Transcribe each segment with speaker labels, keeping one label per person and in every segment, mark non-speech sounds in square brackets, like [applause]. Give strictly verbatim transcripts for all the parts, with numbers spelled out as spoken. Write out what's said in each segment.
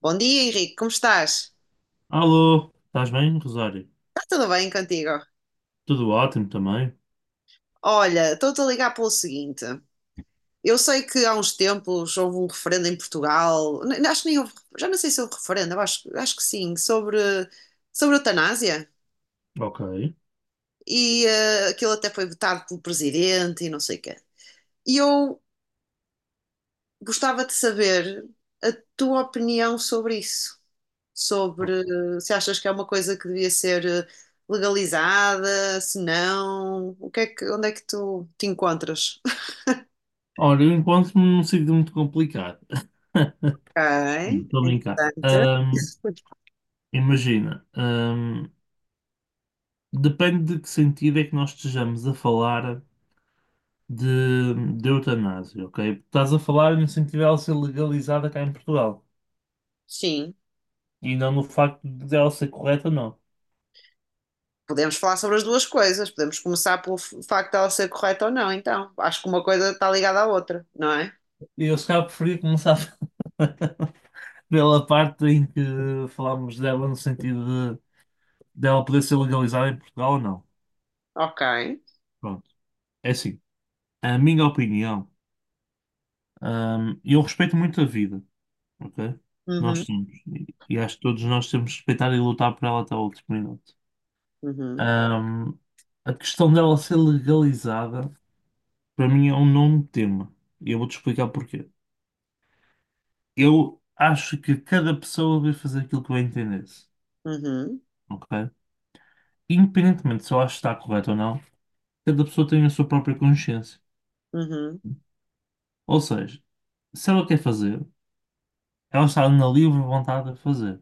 Speaker 1: Bom dia, Henrique, como estás?
Speaker 2: Alô, estás bem, Rosário?
Speaker 1: Está tudo bem contigo?
Speaker 2: Tudo ótimo também?
Speaker 1: Olha, estou-te a ligar pelo seguinte. Eu sei que há uns tempos houve um referendo em Portugal, n- acho que nem houve, já não sei se houve referendo, acho, acho que sim, sobre, sobre a eutanásia.
Speaker 2: Ok.
Speaker 1: E eh, aquilo até foi votado pelo presidente e não sei o quê. E eu gostava de saber a tua opinião sobre isso. Sobre eh, se achas que é uma coisa que devia ser eh, legalizada, se não, o que é que, onde é que tu te encontras?
Speaker 2: Olha, eu encontro-me num sítio muito complicado. [laughs]
Speaker 1: Ok,
Speaker 2: Estou a brincar.
Speaker 1: interessante.
Speaker 2: Ahm, imagina, ahm, depende de que sentido é que nós estejamos a falar de, de eutanásia, ok? Estás a falar no sentido dela ser legalizada cá em Portugal
Speaker 1: Sim,
Speaker 2: e não no facto de ela ser correta, não.
Speaker 1: podemos falar sobre as duas coisas. Podemos começar pelo f- facto de ela ser correta ou não, então. Acho que uma coisa está ligada à outra, não é?
Speaker 2: Eu se calhar preferia começar [laughs] pela parte em que falámos dela no sentido dela poder ser legalizada em Portugal ou não.
Speaker 1: Ok.
Speaker 2: Pronto, é assim. A minha opinião, hum, eu respeito muito a vida, ok? Que nós
Speaker 1: Uhum,
Speaker 2: temos. E e acho que todos nós temos que respeitar e lutar por ela até o último minuto.
Speaker 1: uhum,
Speaker 2: Hum, a questão dela ser legalizada, para mim, é um nome tema. E eu vou-te explicar porquê. Eu acho que cada pessoa deve fazer aquilo que bem se,
Speaker 1: uhum,
Speaker 2: ok? Independentemente se eu acho que está correto ou não, cada pessoa tem a sua própria consciência.
Speaker 1: uhum,
Speaker 2: Ou seja, se ela quer fazer. Elas estavam na livre vontade a fazer.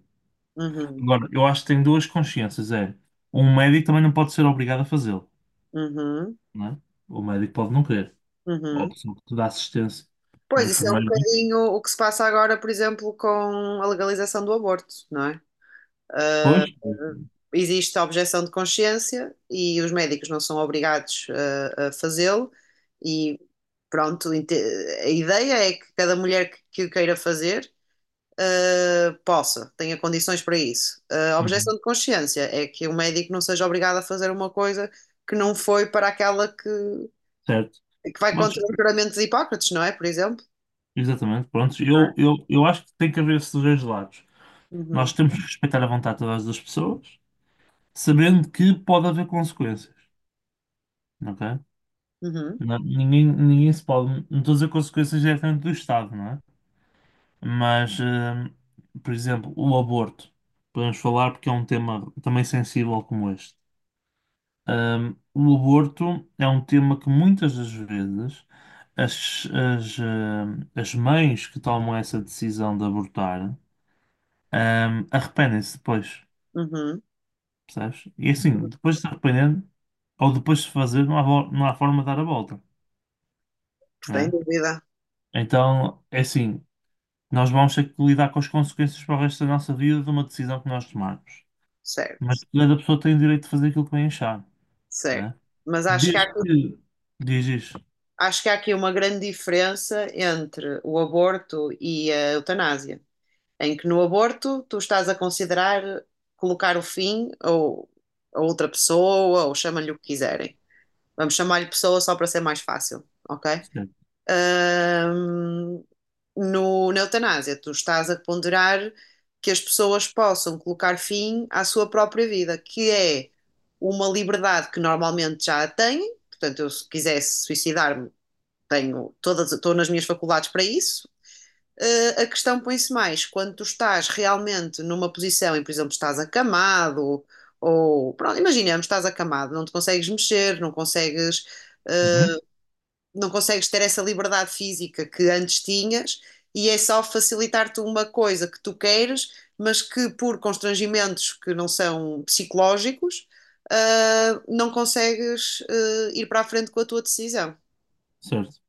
Speaker 1: uhum,
Speaker 2: Agora, eu acho que tem duas consciências. É, um médico também não pode ser obrigado a fazê-lo,
Speaker 1: uhum, uhum,
Speaker 2: não é? O médico pode não querer. Ou a
Speaker 1: uhum.
Speaker 2: pessoa que te dá assistência. Um
Speaker 1: Pois, isso é um
Speaker 2: enfermeiro.
Speaker 1: bocadinho o que se passa agora, por exemplo, com a legalização do aborto, não é?
Speaker 2: Pois,
Speaker 1: Existe a objeção de consciência e os médicos não são obrigados uh, a, fazê-lo e pronto, inte- a ideia é que cada mulher que, que o queira fazer uh, possa, tenha condições para isso. Uh, a
Speaker 2: uhum,
Speaker 1: objeção de consciência é que o médico não seja obrigado a fazer uma coisa que não foi para aquela que,
Speaker 2: certo.
Speaker 1: que vai
Speaker 2: Mas,
Speaker 1: contra o juramento de Hipócrates, não é? Por exemplo,
Speaker 2: exatamente, pronto.
Speaker 1: não é?
Speaker 2: Eu, eu, eu acho que tem que haver esses dois lados. Nós
Speaker 1: Uhum,
Speaker 2: temos que respeitar a vontade de todas as pessoas, sabendo que pode haver consequências, ok?
Speaker 1: uhum,
Speaker 2: Não- ninguém, ninguém se pode. Não estou a dizer consequências diretamente do Estado, não é? Mas, hum, por exemplo, o aborto. Podemos falar porque é um tema também sensível como este. Hum, o aborto é um tema que muitas das vezes as, as, hum, as mães que tomam essa decisão de abortar, hum, arrependem-se depois,
Speaker 1: uhum.
Speaker 2: percebes? E assim, depois de se arrepender ou depois de se fazer, não há, vo- não há forma de dar a volta,
Speaker 1: Sem
Speaker 2: né?
Speaker 1: dúvida,
Speaker 2: Então, é assim, nós vamos ter que lidar com as consequências para o resto da nossa vida de uma decisão que nós tomarmos. Mas
Speaker 1: certo,
Speaker 2: cada pessoa tem o direito de fazer aquilo que bem achar,
Speaker 1: certo.
Speaker 2: né?
Speaker 1: Mas acho que há,
Speaker 2: Desde
Speaker 1: aqui-
Speaker 2: que. Diz isso.
Speaker 1: acho que há aqui uma grande diferença entre o aborto e a eutanásia, em que no aborto tu estás a considerar colocar o fim ou a outra pessoa, ou chama-lhe o que quiserem. Vamos chamar-lhe pessoa só para ser mais fácil, ok?
Speaker 2: Certo.
Speaker 1: Ahm, no, Na eutanásia, tu estás a ponderar que as pessoas possam colocar fim à sua própria vida, que é uma liberdade que normalmente já a têm. Portanto, eu, se quisesse suicidar-me, tenho todas, estou nas minhas faculdades para isso. Eh, a questão põe-se mais quando tu estás realmente numa posição em, por exemplo, estás acamado, ou pronto, imaginemos, estás acamado, não te consegues mexer, não consegues
Speaker 2: Uhum.
Speaker 1: não consegues ter essa liberdade física que antes tinhas e é só facilitar-te uma coisa que tu queiras, mas que por constrangimentos que não são psicológicos, ah, não consegues ah, ir para a frente com a tua decisão.
Speaker 2: Certo.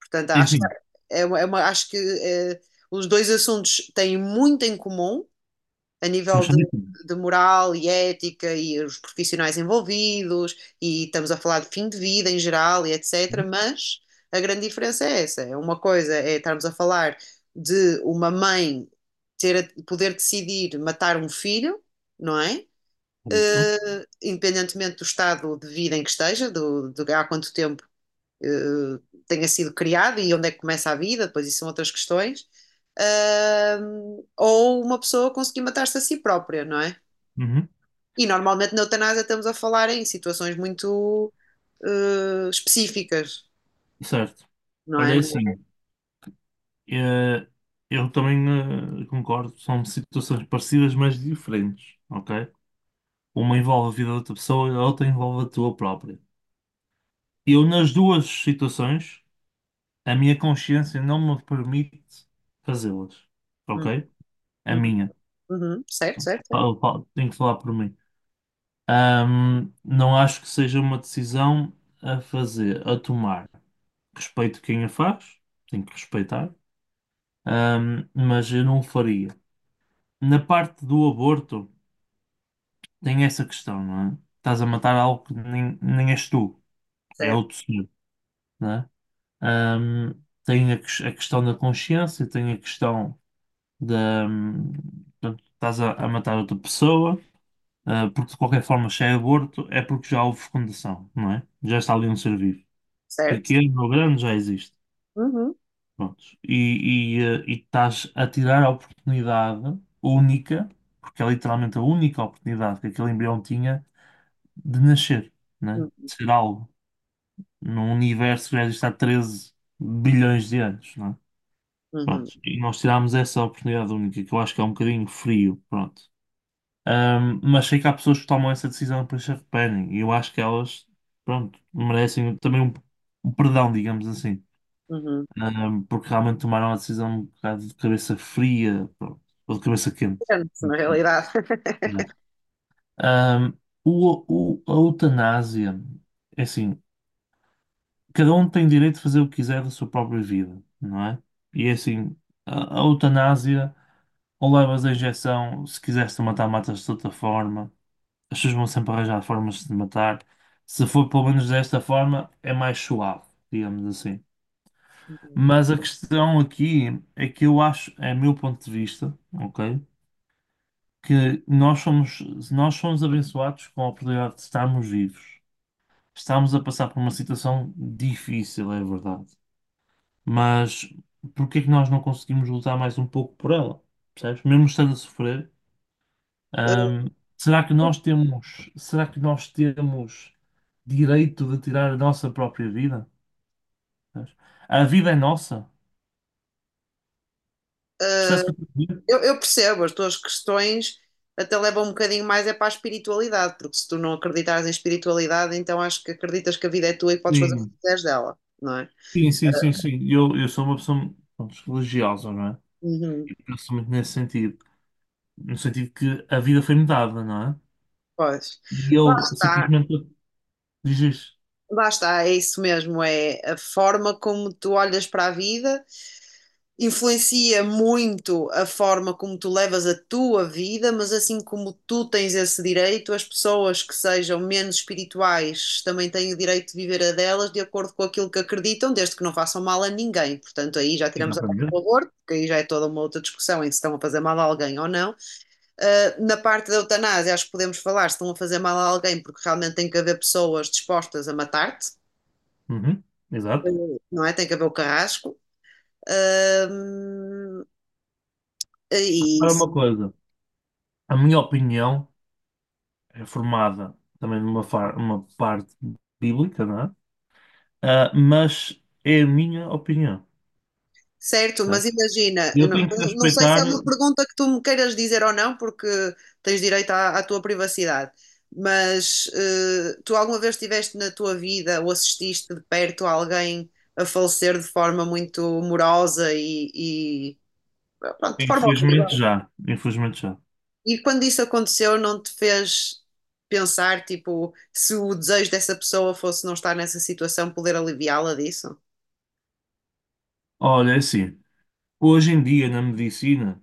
Speaker 1: Portanto, acho que,
Speaker 2: Enfim,
Speaker 1: é uma- é uma- acho que eh, os dois assuntos têm muito em comum, a
Speaker 2: mas
Speaker 1: nível
Speaker 2: são
Speaker 1: de,
Speaker 2: diferentes.
Speaker 1: de moral e ética e os profissionais envolvidos, e estamos a falar de fim de vida em geral e etecetera.
Speaker 2: Uhum.
Speaker 1: Mas a grande diferença é essa: é uma coisa é estarmos a falar de uma mãe ter, poder decidir matar um filho, não é?
Speaker 2: Certo.
Speaker 1: Eh, independentemente do estado de vida em que esteja, do, de há quanto tempo eh, tenha sido criado e onde é que começa a vida, depois isso são outras questões, ahm, ou uma pessoa conseguir matar-se a si própria, não é?
Speaker 2: Uhum.
Speaker 1: E normalmente na eutanásia estamos a falar em situações muito eh, específicas,
Speaker 2: Certo.
Speaker 1: não é?
Speaker 2: Olha, é assim, eh, eu também eh, concordo, são situações parecidas, mas diferentes, ok? Uma envolve a vida da outra pessoa e a outra envolve a tua própria. Eu, nas duas situações, a minha consciência não me permite fazê-las,
Speaker 1: Uhum,
Speaker 2: ok? A
Speaker 1: uhum,
Speaker 2: minha.
Speaker 1: uhum, certo, certo, certo,
Speaker 2: Eu falo- Tenho que falar por mim. Ahm, não acho que seja uma decisão a fazer, a tomar. Respeito quem a faz, tenho que respeitar, ahm, mas eu não o faria. Na parte do aborto, tem essa questão, não é? Estás a matar algo que nem, nem és tu, é
Speaker 1: certo,
Speaker 2: outro ser, não é? Ahm, Tem a, ques- a questão da consciência, tem a questão da. Hum, portanto, estás a, a matar outra pessoa, ah, porque de qualquer forma, se é aborto, é porque já houve fecundação, não é? Já está ali um ser vivo,
Speaker 1: certo.
Speaker 2: pequeno ou grande já existe.
Speaker 1: Uhum,
Speaker 2: Prontos. E, e, eh, e estás a tirar a oportunidade única, porque é literalmente a única oportunidade que aquele embrião tinha de nascer, né?
Speaker 1: uhum,
Speaker 2: De ser algo, num universo que já existe há treze bilhões de anos, né?
Speaker 1: uhum,
Speaker 2: Pronto. E nós tirámos essa oportunidade única, que eu acho que é um bocadinho frio, pronto. Ahm, mas sei que há pessoas que tomam essa decisão para se arrependem, e eu acho que elas, pronto, merecem também um um perdão, digamos assim.
Speaker 1: uhum.
Speaker 2: Ahm, porque realmente tomaram a decisão um bocado de cabeça fria, pronto, ou de cabeça quente.
Speaker 1: Depende, na
Speaker 2: Muito bem.
Speaker 1: realidade.
Speaker 2: Yeah. Ahm, o, o- a eutanásia, é assim, cada um tem direito de fazer o que quiser da sua própria vida, não é? E é assim, a, a eutanásia, ou levas a injeção, se quiseres te matar, matas de outra forma, as pessoas vão sempre arranjar formas de te matar. Se for pelo menos desta forma, é mais suave, digamos assim.
Speaker 1: [laughs]
Speaker 2: Mas a questão aqui é que eu acho, é meu ponto de vista, ok? Que nós somos, nós somos abençoados com a oportunidade de estarmos vivos. Estamos a passar por uma situação difícil, é verdade. Mas por que é que nós não conseguimos lutar mais um pouco por ela? Percebes? Mesmo estando a sofrer, hum, será que nós temos, será que nós temos direito de tirar a nossa própria vida? Percebes? A vida é nossa. Percebes o que eu estou a dizer?
Speaker 1: Eu, eu percebo, as tuas questões até levam um bocadinho mais é para a espiritualidade, porque se tu não acreditares em espiritualidade, então acho que acreditas que a vida é tua e podes fazer o que
Speaker 2: Sim.
Speaker 1: quiseres dela, não é?
Speaker 2: Sim, sim, sim, sim. Eu, eu sou uma pessoa pronto, religiosa, não é?
Speaker 1: Uhum,
Speaker 2: E penso muito nesse sentido. No sentido que a vida foi-me dada, não é?
Speaker 1: pois.
Speaker 2: E
Speaker 1: Lá
Speaker 2: eu
Speaker 1: está,
Speaker 2: simplesmente dizes.
Speaker 1: lá está, é isso mesmo, é a forma como tu olhas para a vida influencia muito a forma como tu levas a tua vida, mas assim como tu tens esse direito, as pessoas que sejam menos espirituais também têm o direito de viver a delas de acordo com aquilo que acreditam, desde que não façam mal a ninguém. Portanto, aí já tiramos a parte
Speaker 2: Exatamente.
Speaker 1: do aborto, porque aí já é toda uma outra discussão em se estão a fazer mal a alguém ou não. Ah, na parte da eutanásia, acho que podemos falar se estão a fazer mal a alguém, porque realmente tem que haver pessoas dispostas a matar-te.
Speaker 2: Uhum, exato.
Speaker 1: Não é? Tem que haver o carrasco. Ah, e
Speaker 2: Agora uma coisa. A minha opinião é formada também numa far, uma parte bíblica, não é? Ah, mas é a minha opinião,
Speaker 1: certo, mas
Speaker 2: certo?
Speaker 1: imagina,
Speaker 2: E
Speaker 1: eu
Speaker 2: eu
Speaker 1: não,
Speaker 2: tenho que
Speaker 1: não sei se é
Speaker 2: respeitar,
Speaker 1: uma pergunta que tu me queiras dizer ou não, porque tens direito à, à tua privacidade, mas eh, tu alguma vez estiveste na tua vida ou assististe de perto a alguém a falecer de forma muito morosa e, e, pronto, de forma
Speaker 2: infelizmente
Speaker 1: horrível?
Speaker 2: já. Infelizmente já.
Speaker 1: E quando isso aconteceu, não te fez pensar, tipo, se o desejo dessa pessoa fosse não estar nessa situação, poder aliviá-la disso?
Speaker 2: Olha, é assim. Hoje em dia na medicina.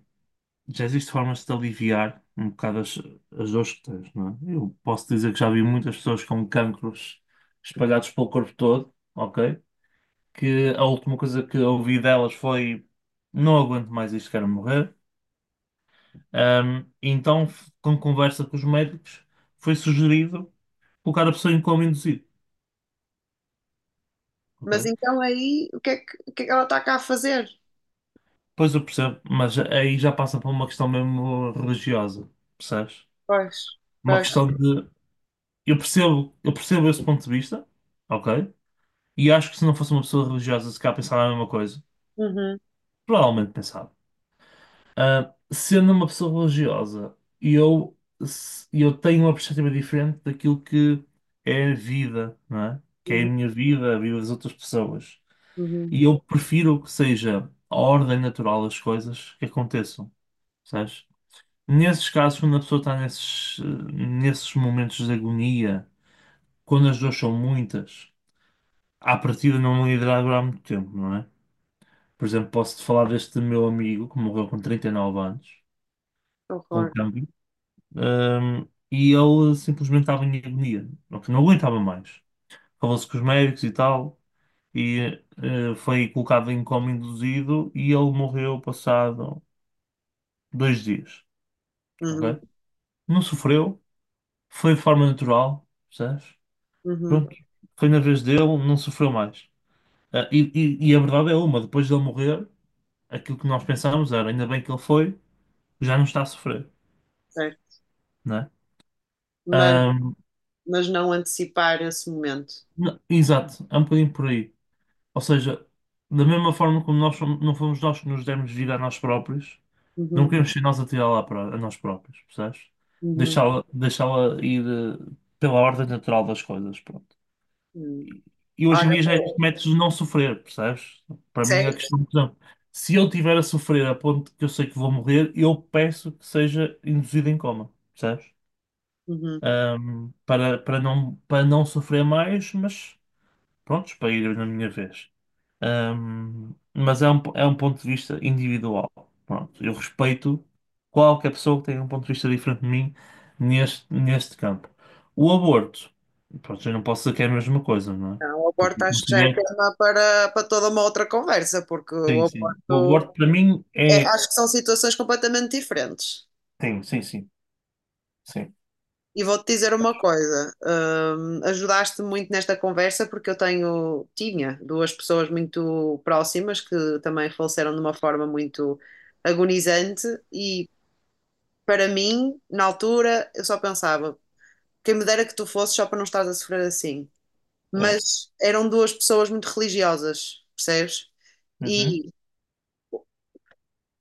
Speaker 2: Já existe formas de aliviar um bocado as, as dores que tens, não é? Eu posso dizer que já vi muitas pessoas com cancros espalhados pelo corpo todo, ok? Que a última coisa que ouvi delas foi: não aguento mais isto, quero morrer. Ahm, então, f- com conversa com os médicos, foi sugerido colocar a pessoa em coma induzido, ok?
Speaker 1: Mas então aí, o que é que, o que é que ela está cá a fazer?
Speaker 2: Pois eu percebo, mas aí já passa para uma questão mesmo religiosa, percebes?
Speaker 1: Pois,
Speaker 2: Uma
Speaker 1: pois.
Speaker 2: questão de. Eu percebo, eu percebo esse ponto de vista. Ok. E acho que se não fosse uma pessoa religiosa, se calhar pensava a mesma coisa.
Speaker 1: Uhum,
Speaker 2: Provavelmente pensava. Ah, sendo uma pessoa religiosa, eu, se- eu tenho uma perspectiva diferente daquilo que é a vida, não é? Que é a
Speaker 1: uhum,
Speaker 2: minha vida, a vida das outras pessoas.
Speaker 1: uhum.
Speaker 2: E eu prefiro que seja a ordem natural das coisas que aconteçam, sabes? Nesses casos, quando a pessoa está nesses, eh, nesses momentos de agonia, quando as dores são muitas, à partida não irá durar muito tempo, não é? Por exemplo, posso-te falar deste meu amigo que morreu com trinta e nove anos, com
Speaker 1: Concordo.
Speaker 2: cancro, hum, e ele simplesmente estava em agonia, porque não aguentava mais. Falou-se com os médicos e tal, e eh, foi colocado em coma induzido e ele morreu passado dois dias, ok?
Speaker 1: Uhum,
Speaker 2: Não sofreu, foi de forma natural, percebes?
Speaker 1: uhum,
Speaker 2: Pronto, foi na vez dele, não sofreu mais. Ah, e, e e a verdade é uma, depois dele morrer, aquilo que nós pensávamos era, ainda bem que ele foi, já não está a sofrer
Speaker 1: certo.
Speaker 2: né?
Speaker 1: Mas,
Speaker 2: Ahm,
Speaker 1: mas não antecipar esse momento.
Speaker 2: n- Exato, é um bocadinho por aí. Ou seja, da mesma forma como nós fomos- não fomos nós que nos demos vida a nós próprios, não
Speaker 1: Uhum,
Speaker 2: queremos ser nós a tirá-la a pró- a nós próprios, percebes?
Speaker 1: uhum,
Speaker 2: Deixá-la deixá-la ir eh, pela ordem natural das coisas, pronto.
Speaker 1: uhum.
Speaker 2: E, e hoje em
Speaker 1: Olha,
Speaker 2: dia já existe
Speaker 1: pô,
Speaker 2: métodos de não sofrer, percebes? Para mim é a
Speaker 1: certo.
Speaker 2: questão, por exemplo, se eu estiver a sofrer a ponto que eu sei que vou morrer, eu peço que seja induzido em coma, percebes?
Speaker 1: Uhum.
Speaker 2: Ahm, para, para não, para não sofrer mais, mas prontos, para ir na minha vez. Ahm, mas é um, é um ponto de vista individual. Pronto, eu respeito qualquer pessoa que tenha um ponto de vista diferente de mim neste, neste campo. O aborto, pronto, eu não posso dizer que é a mesma coisa, não é?
Speaker 1: Não, o
Speaker 2: Porque
Speaker 1: aborto
Speaker 2: eu
Speaker 1: acho que já é
Speaker 2: considero,
Speaker 1: tema para, para toda uma outra conversa, porque
Speaker 2: que
Speaker 1: o
Speaker 2: sim, sim. O
Speaker 1: aborto
Speaker 2: aborto para mim
Speaker 1: é-
Speaker 2: é.
Speaker 1: acho que são situações completamente diferentes.
Speaker 2: Sim, sim, sim, sim.
Speaker 1: E vou-te dizer uma coisa, hum, ajudaste-me muito nesta conversa porque eu tenho, tinha duas pessoas muito próximas que também faleceram de uma forma muito agonizante e para mim, na altura, eu só pensava, quem me dera que tu fosses só para não estares a sofrer assim.
Speaker 2: É.
Speaker 1: Mas eram duas pessoas muito religiosas, percebes?
Speaker 2: Uhum,
Speaker 1: E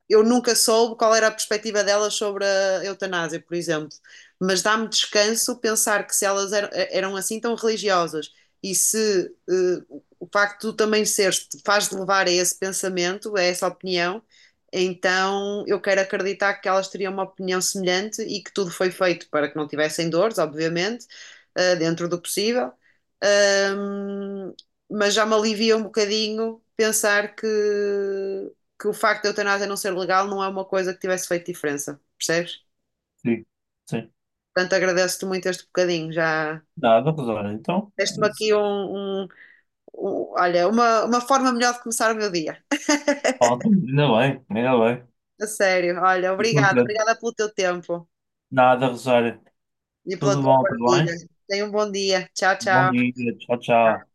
Speaker 1: eu nunca soube qual era a perspectiva delas sobre a eutanásia, por exemplo. Mas dá-me descanso pensar que se elas eram, eh, eram assim tão religiosas e se eh, o facto de tu também seres te faz de levar a esse pensamento, a essa opinião, então eu quero acreditar que elas teriam uma opinião semelhante e que tudo foi feito para que não tivessem dores, obviamente, eh, dentro do possível. Ahm, mas já me alivia um bocadinho pensar que que o facto de a eutanásia não ser legal não é uma coisa que tivesse feito diferença, percebes?
Speaker 2: sim, sim.
Speaker 1: Portanto, agradeço-te muito este bocadinho, já
Speaker 2: Nada, Rosário. Então,
Speaker 1: deste-me aqui um, um- um- olha, uma, uma forma melhor de começar o meu dia.
Speaker 2: falta- ainda bem, ainda bem.
Speaker 1: A sério, olha,
Speaker 2: Fico
Speaker 1: obrigada,
Speaker 2: contente.
Speaker 1: obrigada pelo teu tempo
Speaker 2: Nada, Rosário.
Speaker 1: e pela
Speaker 2: Tudo
Speaker 1: tua
Speaker 2: bom, tudo
Speaker 1: partilha.
Speaker 2: bem?
Speaker 1: Tenha um bom dia. Tchau,
Speaker 2: Bom
Speaker 1: tchau.
Speaker 2: dia, tchau, tchau.